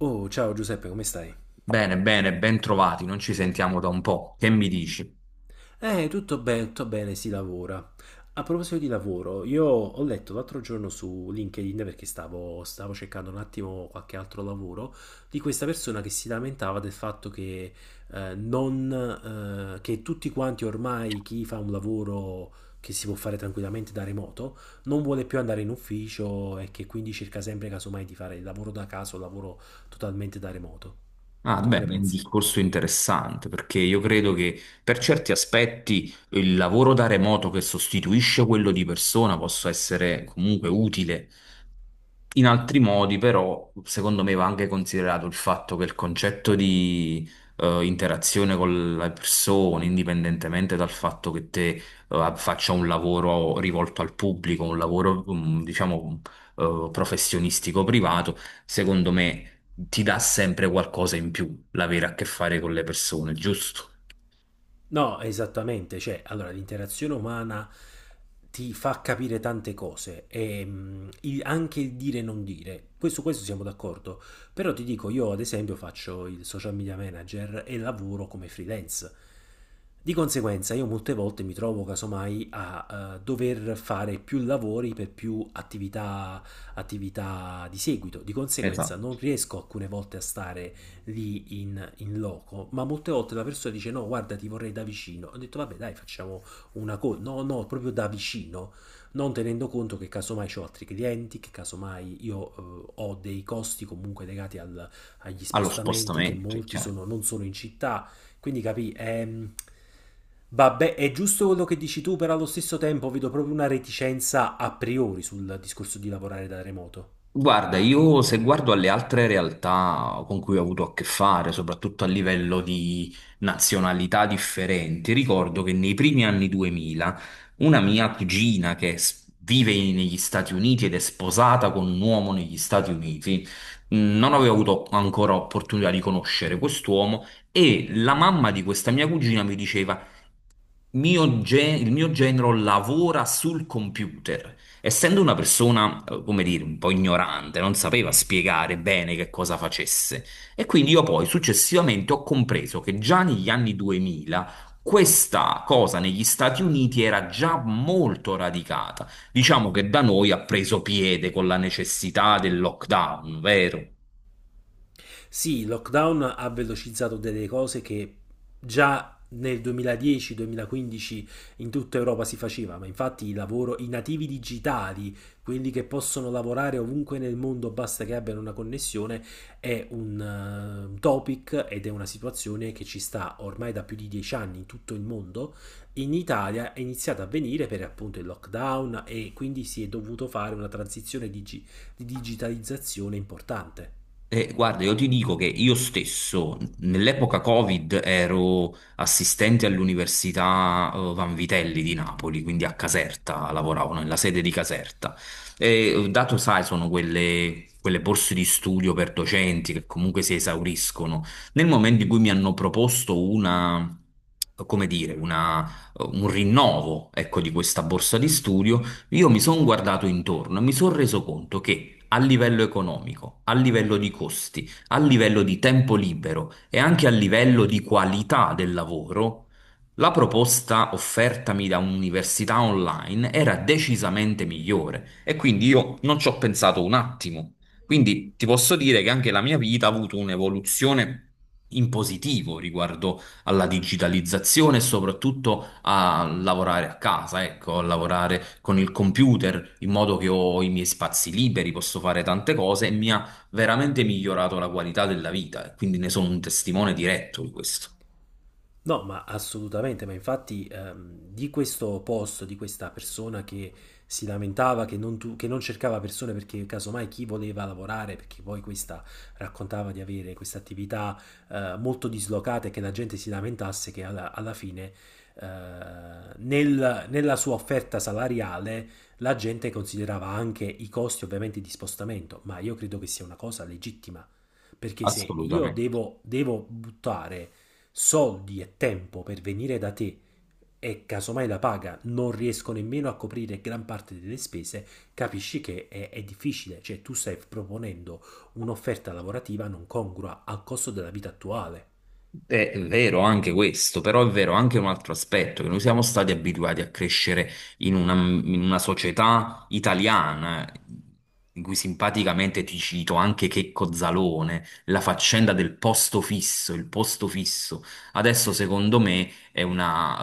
Oh, ciao Giuseppe, come stai? Bene, bene, ben trovati, non ci sentiamo da un po'. Che mi dici? Tutto bene, tutto bene, si lavora. A proposito di lavoro, io ho letto l'altro giorno su LinkedIn perché stavo cercando un attimo qualche altro lavoro di questa persona che si lamentava del fatto che, non, che tutti quanti ormai chi fa un lavoro che si può fare tranquillamente da remoto non vuole più andare in ufficio e che quindi cerca sempre casomai di fare il lavoro da casa o lavoro totalmente da remoto. Ah, Tu che beh, ne è un pensi? discorso interessante perché io credo che per certi aspetti il lavoro da remoto che sostituisce quello di persona possa essere comunque utile. In altri modi, però, secondo me va anche considerato il fatto che il concetto di interazione con le persone, indipendentemente dal fatto che te faccia un lavoro rivolto al pubblico, un lavoro, diciamo, professionistico privato, secondo me ti dà sempre qualcosa in più l'avere a che fare con le persone, giusto? No, esattamente, cioè, allora l'interazione umana ti fa capire tante cose, e, il- anche il dire e non dire, questo siamo d'accordo, però ti dico, io ad esempio faccio il social media manager e lavoro come freelance, di conseguenza io molte volte mi trovo casomai a dover fare più lavori per più attività, attività di seguito, di conseguenza Esatto, non riesco alcune volte a stare lì in loco, ma molte volte la persona dice no, guarda, ti vorrei da vicino. Ho detto, vabbè, dai, facciamo una cosa. No, no, proprio da vicino, non tenendo conto che casomai ho altri clienti, che casomai io ho dei costi comunque legati al- agli allo spostamenti, che spostamento, è molti chiaro. sono, non sono in città. Quindi capì. Vabbè, è giusto quello che dici tu, però allo stesso tempo vedo proprio una reticenza a priori sul discorso di lavorare da remoto. Guarda, io se guardo alle altre realtà con cui ho avuto a che fare, soprattutto a livello di nazionalità differenti, ricordo che nei primi anni 2000 una mia cugina che vive negli Stati Uniti ed è sposata con un uomo negli Stati Uniti, non avevo avuto ancora opportunità di conoscere quest'uomo e la mamma di questa mia cugina mi diceva il mio genero lavora sul computer. Essendo una persona, come dire, un po' ignorante, non sapeva spiegare bene che cosa facesse. E quindi io poi successivamente ho compreso che già negli anni 2000 questa cosa negli Stati Uniti era già molto radicata. Diciamo che da noi ha preso piede con la necessità del lockdown, vero? Sì, il lockdown ha velocizzato delle cose che già nel 2010-2015 in tutta Europa si faceva, ma infatti i lavoro- i nativi digitali, quelli che possono lavorare ovunque nel mondo, basta che abbiano una connessione, è un topic ed è una situazione che ci sta ormai da più di 10 anni in tutto il mondo. In Italia è iniziata a venire per appunto il lockdown e quindi si è dovuto fare una transizione digi- di digitalizzazione importante. Guarda, io ti dico che io stesso nell'epoca Covid ero assistente all'Università Van Vitelli di Napoli, quindi a Caserta, lavoravo no, nella sede di Caserta. E, dato, sai, sono quelle borse di studio per docenti che comunque si esauriscono. Nel momento in cui mi hanno proposto una, come dire, un rinnovo, ecco, di questa borsa di studio, io mi sono guardato intorno e mi sono reso conto che a livello economico, a livello di costi, a livello di tempo libero e anche a livello di qualità del lavoro, la proposta offertami da un'università online era decisamente migliore e quindi io non ci ho pensato un attimo. Quindi ti posso dire che anche la mia vita ha avuto un'evoluzione in positivo riguardo alla digitalizzazione e soprattutto a lavorare a casa, ecco, a lavorare con il computer in modo che ho i miei spazi liberi, posso fare tante cose e mi ha veramente migliorato la qualità della vita e quindi ne sono un testimone diretto di questo. No, ma assolutamente, ma infatti di questo posto, di questa persona che si lamentava che non, tu- che non cercava persone perché casomai chi voleva lavorare, perché poi questa raccontava di avere questa attività molto dislocata e che la gente si lamentasse che alla, alla fine eh, nel- nella sua offerta salariale la gente considerava anche i costi ovviamente di spostamento, ma io credo che sia una cosa legittima, perché se io Assolutamente. devo buttare soldi e tempo per venire da te e casomai la paga non riesco nemmeno a coprire gran parte delle spese, capisci che è difficile, cioè tu stai proponendo un'offerta lavorativa non congrua al costo della vita attuale. È vero anche questo, però è vero anche un altro aspetto, che noi siamo stati abituati a crescere in una società italiana, in cui simpaticamente ti cito anche Checco Zalone, la faccenda del posto fisso, il posto fisso. Adesso secondo me è una,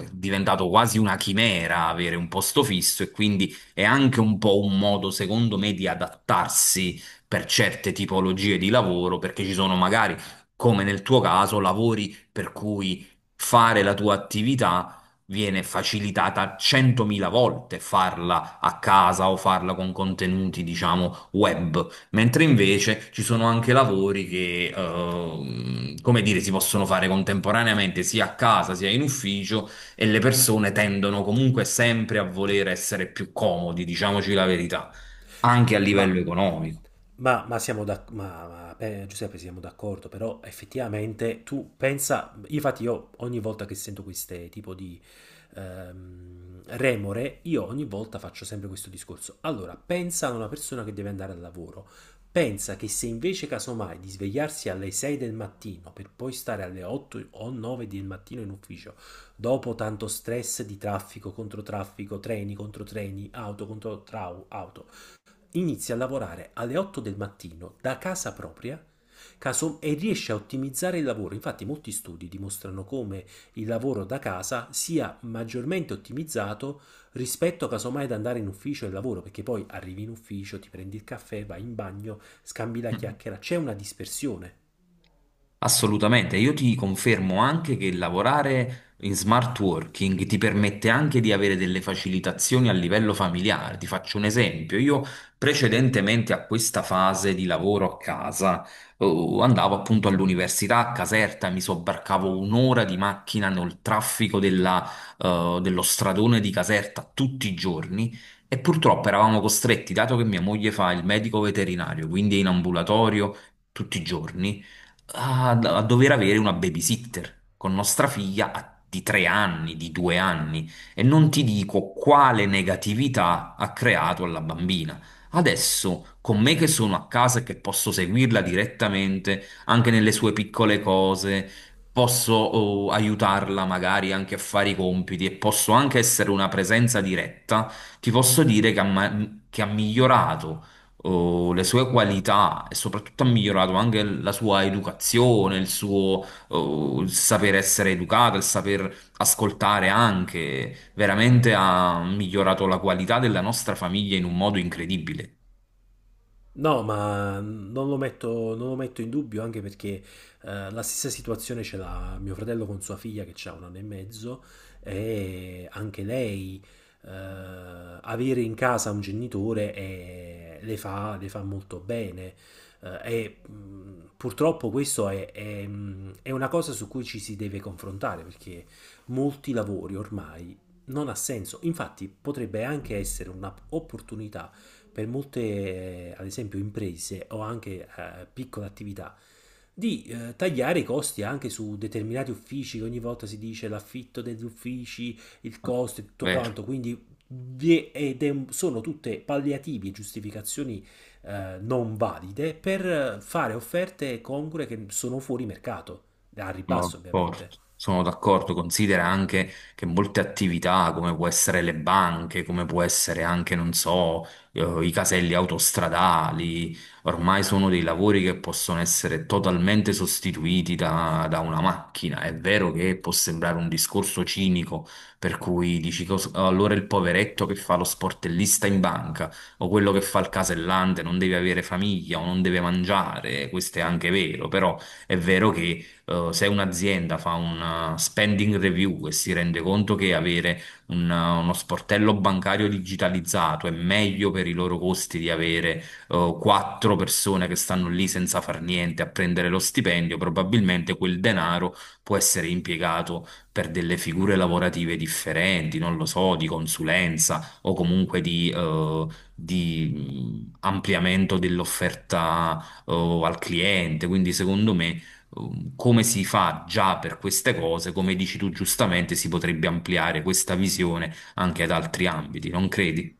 eh, è diventato quasi una chimera avere un posto fisso e quindi è anche un po' un modo, secondo me, di adattarsi per certe tipologie di lavoro, perché ci sono magari come nel tuo caso, lavori per cui fare la tua attività viene facilitata 100.000 volte farla a casa o farla con contenuti, diciamo, web, mentre invece ci sono anche lavori che, come dire, si possono fare contemporaneamente sia a casa sia in ufficio e le persone tendono comunque sempre a voler essere più comodi, diciamoci la verità, anche a livello Ma economico. ma siamo Giuseppe, siamo d'accordo, però effettivamente tu pensa, infatti io ogni volta che sento queste tipo di remore, io ogni volta faccio sempre questo discorso. Allora, pensa ad una persona che deve andare al lavoro, pensa che se invece casomai di svegliarsi alle 6 del mattino per poi stare alle 8 o 9 del mattino in ufficio, dopo tanto stress di traffico contro traffico, treni contro treni, auto contro trau- auto, inizia a lavorare alle 8 del mattino da casa propria caso- e riesce a ottimizzare il lavoro. Infatti molti studi dimostrano come il lavoro da casa sia maggiormente ottimizzato rispetto casomai ad andare in ufficio e lavoro, perché poi arrivi in ufficio, ti prendi il caffè, vai in bagno, scambi la chiacchiera, c'è una dispersione. Assolutamente, io ti confermo anche che lavorare in smart working ti permette anche di avere delle facilitazioni a livello familiare. Ti faccio un esempio, io precedentemente a questa fase di lavoro a casa, andavo appunto all'università a Caserta, mi sobbarcavo un'ora di macchina nel traffico dello stradone di Caserta tutti i giorni. E purtroppo eravamo costretti, dato che mia moglie fa il medico veterinario, quindi è in ambulatorio tutti i giorni, a dover avere una babysitter con nostra figlia di tre anni, di due anni, e non ti dico quale negatività ha creato alla bambina. Adesso, con me che sono a casa e che posso seguirla direttamente anche nelle sue piccole cose, posso aiutarla magari anche a fare i compiti e posso anche essere una presenza diretta, ti posso dire che che ha migliorato le sue qualità e soprattutto ha migliorato anche la sua educazione, il saper essere educato, il saper ascoltare anche, veramente ha migliorato la qualità della nostra famiglia in un modo incredibile. No, ma non lo metto in dubbio anche perché la stessa situazione ce l'ha mio fratello con sua figlia che ha 1 anno e mezzo e anche lei avere in casa un genitore le fa molto bene. Purtroppo questo è una cosa su cui ci si deve confrontare perché molti lavori ormai non ha senso. Infatti potrebbe anche essere un'opportunità per molte, ad esempio, imprese o anche piccole attività, di tagliare i costi anche su determinati uffici, che ogni volta si dice l'affitto degli uffici, il costo e tutto Vero. quanto, quindi sono tutte palliativi e giustificazioni non valide per fare offerte congrue che sono fuori mercato, al Sono ribasso d'accordo, ovviamente. sono d'accordo. Considera anche che molte attività, come può essere le banche, come può essere anche, non so, i caselli autostradali, ormai sono dei lavori che possono essere totalmente sostituiti da una macchina. È vero che può sembrare un discorso cinico, per cui dici "Cos- allora il poveretto che fa lo sportellista in banca o quello che fa il casellante non deve avere famiglia o non deve mangiare, questo è anche vero, però è vero che se un'azienda fa una spending review e si rende conto che avere uno sportello bancario digitalizzato è meglio per i loro costi di avere quattro persone che stanno lì senza far niente a prendere lo stipendio, probabilmente quel denaro può essere impiegato per delle figure lavorative differenti, non lo so, di consulenza o comunque di ampliamento dell'offerta, al cliente. Quindi, secondo me come si fa già per queste cose, come dici tu giustamente, si potrebbe ampliare questa visione anche ad altri ambiti, non credi?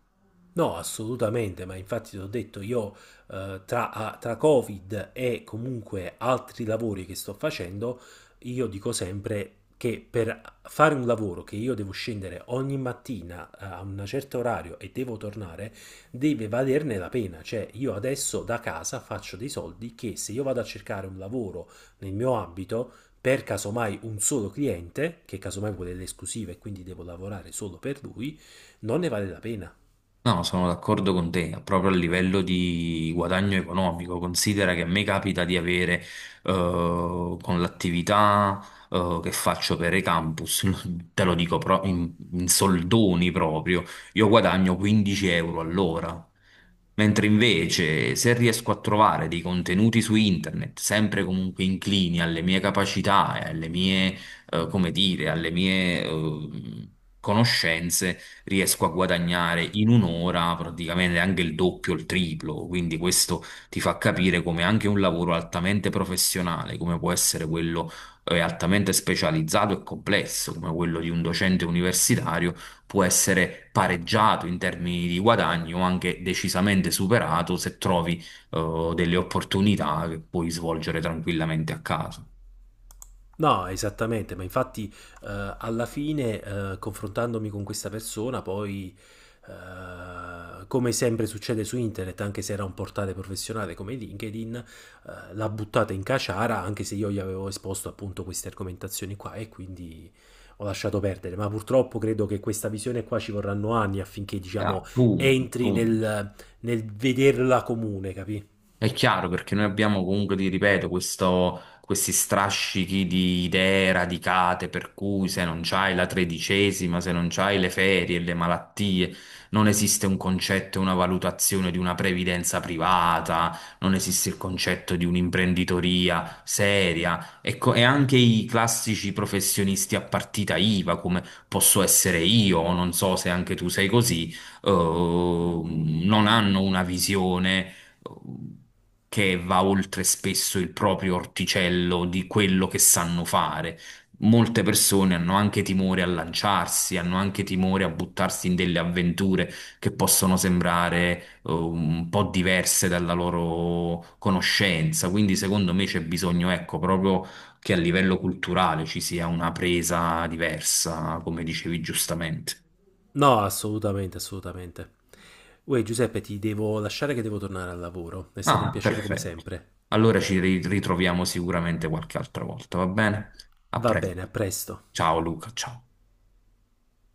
No, assolutamente, ma infatti ti ho detto io tra Covid e comunque altri lavori che sto facendo, io dico sempre che per fare un lavoro che io devo scendere ogni mattina a un certo orario e devo tornare, deve valerne la pena. Cioè, io adesso da casa faccio dei soldi che se io vado a cercare un lavoro nel mio ambito, per casomai un solo cliente, che casomai vuole le esclusive e quindi devo lavorare solo per lui, non ne vale la pena. No, sono d'accordo con te, proprio a livello di guadagno economico. Considera che a me capita di avere, con l'attività, che faccio per i campus, te lo dico pro- in, in soldoni proprio, io guadagno 15 euro all'ora. Mentre invece, se riesco a trovare dei contenuti su internet, sempre comunque inclini alle mie capacità e alle mie, come dire, alle mie, conoscenze, riesco a guadagnare in un'ora praticamente anche il doppio, il triplo, quindi questo ti fa capire come anche un lavoro altamente professionale, come può essere quello altamente specializzato e complesso, come quello di un docente universitario, può essere pareggiato in termini di guadagno o anche decisamente superato se trovi delle opportunità che puoi svolgere tranquillamente a casa. No, esattamente, ma infatti alla fine, confrontandomi con questa persona, poi, come sempre succede su internet, anche se era un portale professionale come LinkedIn, l'ha buttata in caciara, anche se io gli avevo esposto appunto queste argomentazioni qua e quindi ho lasciato perdere. Ma purtroppo credo che questa visione qua ci vorranno anni affinché, diciamo, Appunto, entri appunto. nel, nel vederla comune, capì? È chiaro perché noi abbiamo comunque, ti ripeto, questi strascichi di idee radicate per cui se non c'hai la tredicesima, se non c'hai le ferie, le malattie, non esiste un concetto e una valutazione di una previdenza privata, non esiste il concetto di un'imprenditoria seria. Ecco, e anche i classici professionisti a partita IVA, come posso essere io, o non so se anche tu sei così, non hanno una visione che va oltre spesso il proprio orticello di quello che sanno fare. Molte persone hanno anche timore a lanciarsi, hanno anche timore a buttarsi in delle avventure che possono sembrare un po' diverse dalla loro conoscenza. Quindi, secondo me, c'è bisogno, ecco, proprio che a livello culturale ci sia una presa diversa, come dicevi giustamente. No, assolutamente, assolutamente. Uè, Giuseppe, ti devo lasciare che devo tornare al lavoro. È stato un Ah, piacere come perfetto. sempre. Allora ci ritroviamo sicuramente qualche altra volta, va bene? A Va bene, a presto. presto. Ciao Luca, ciao.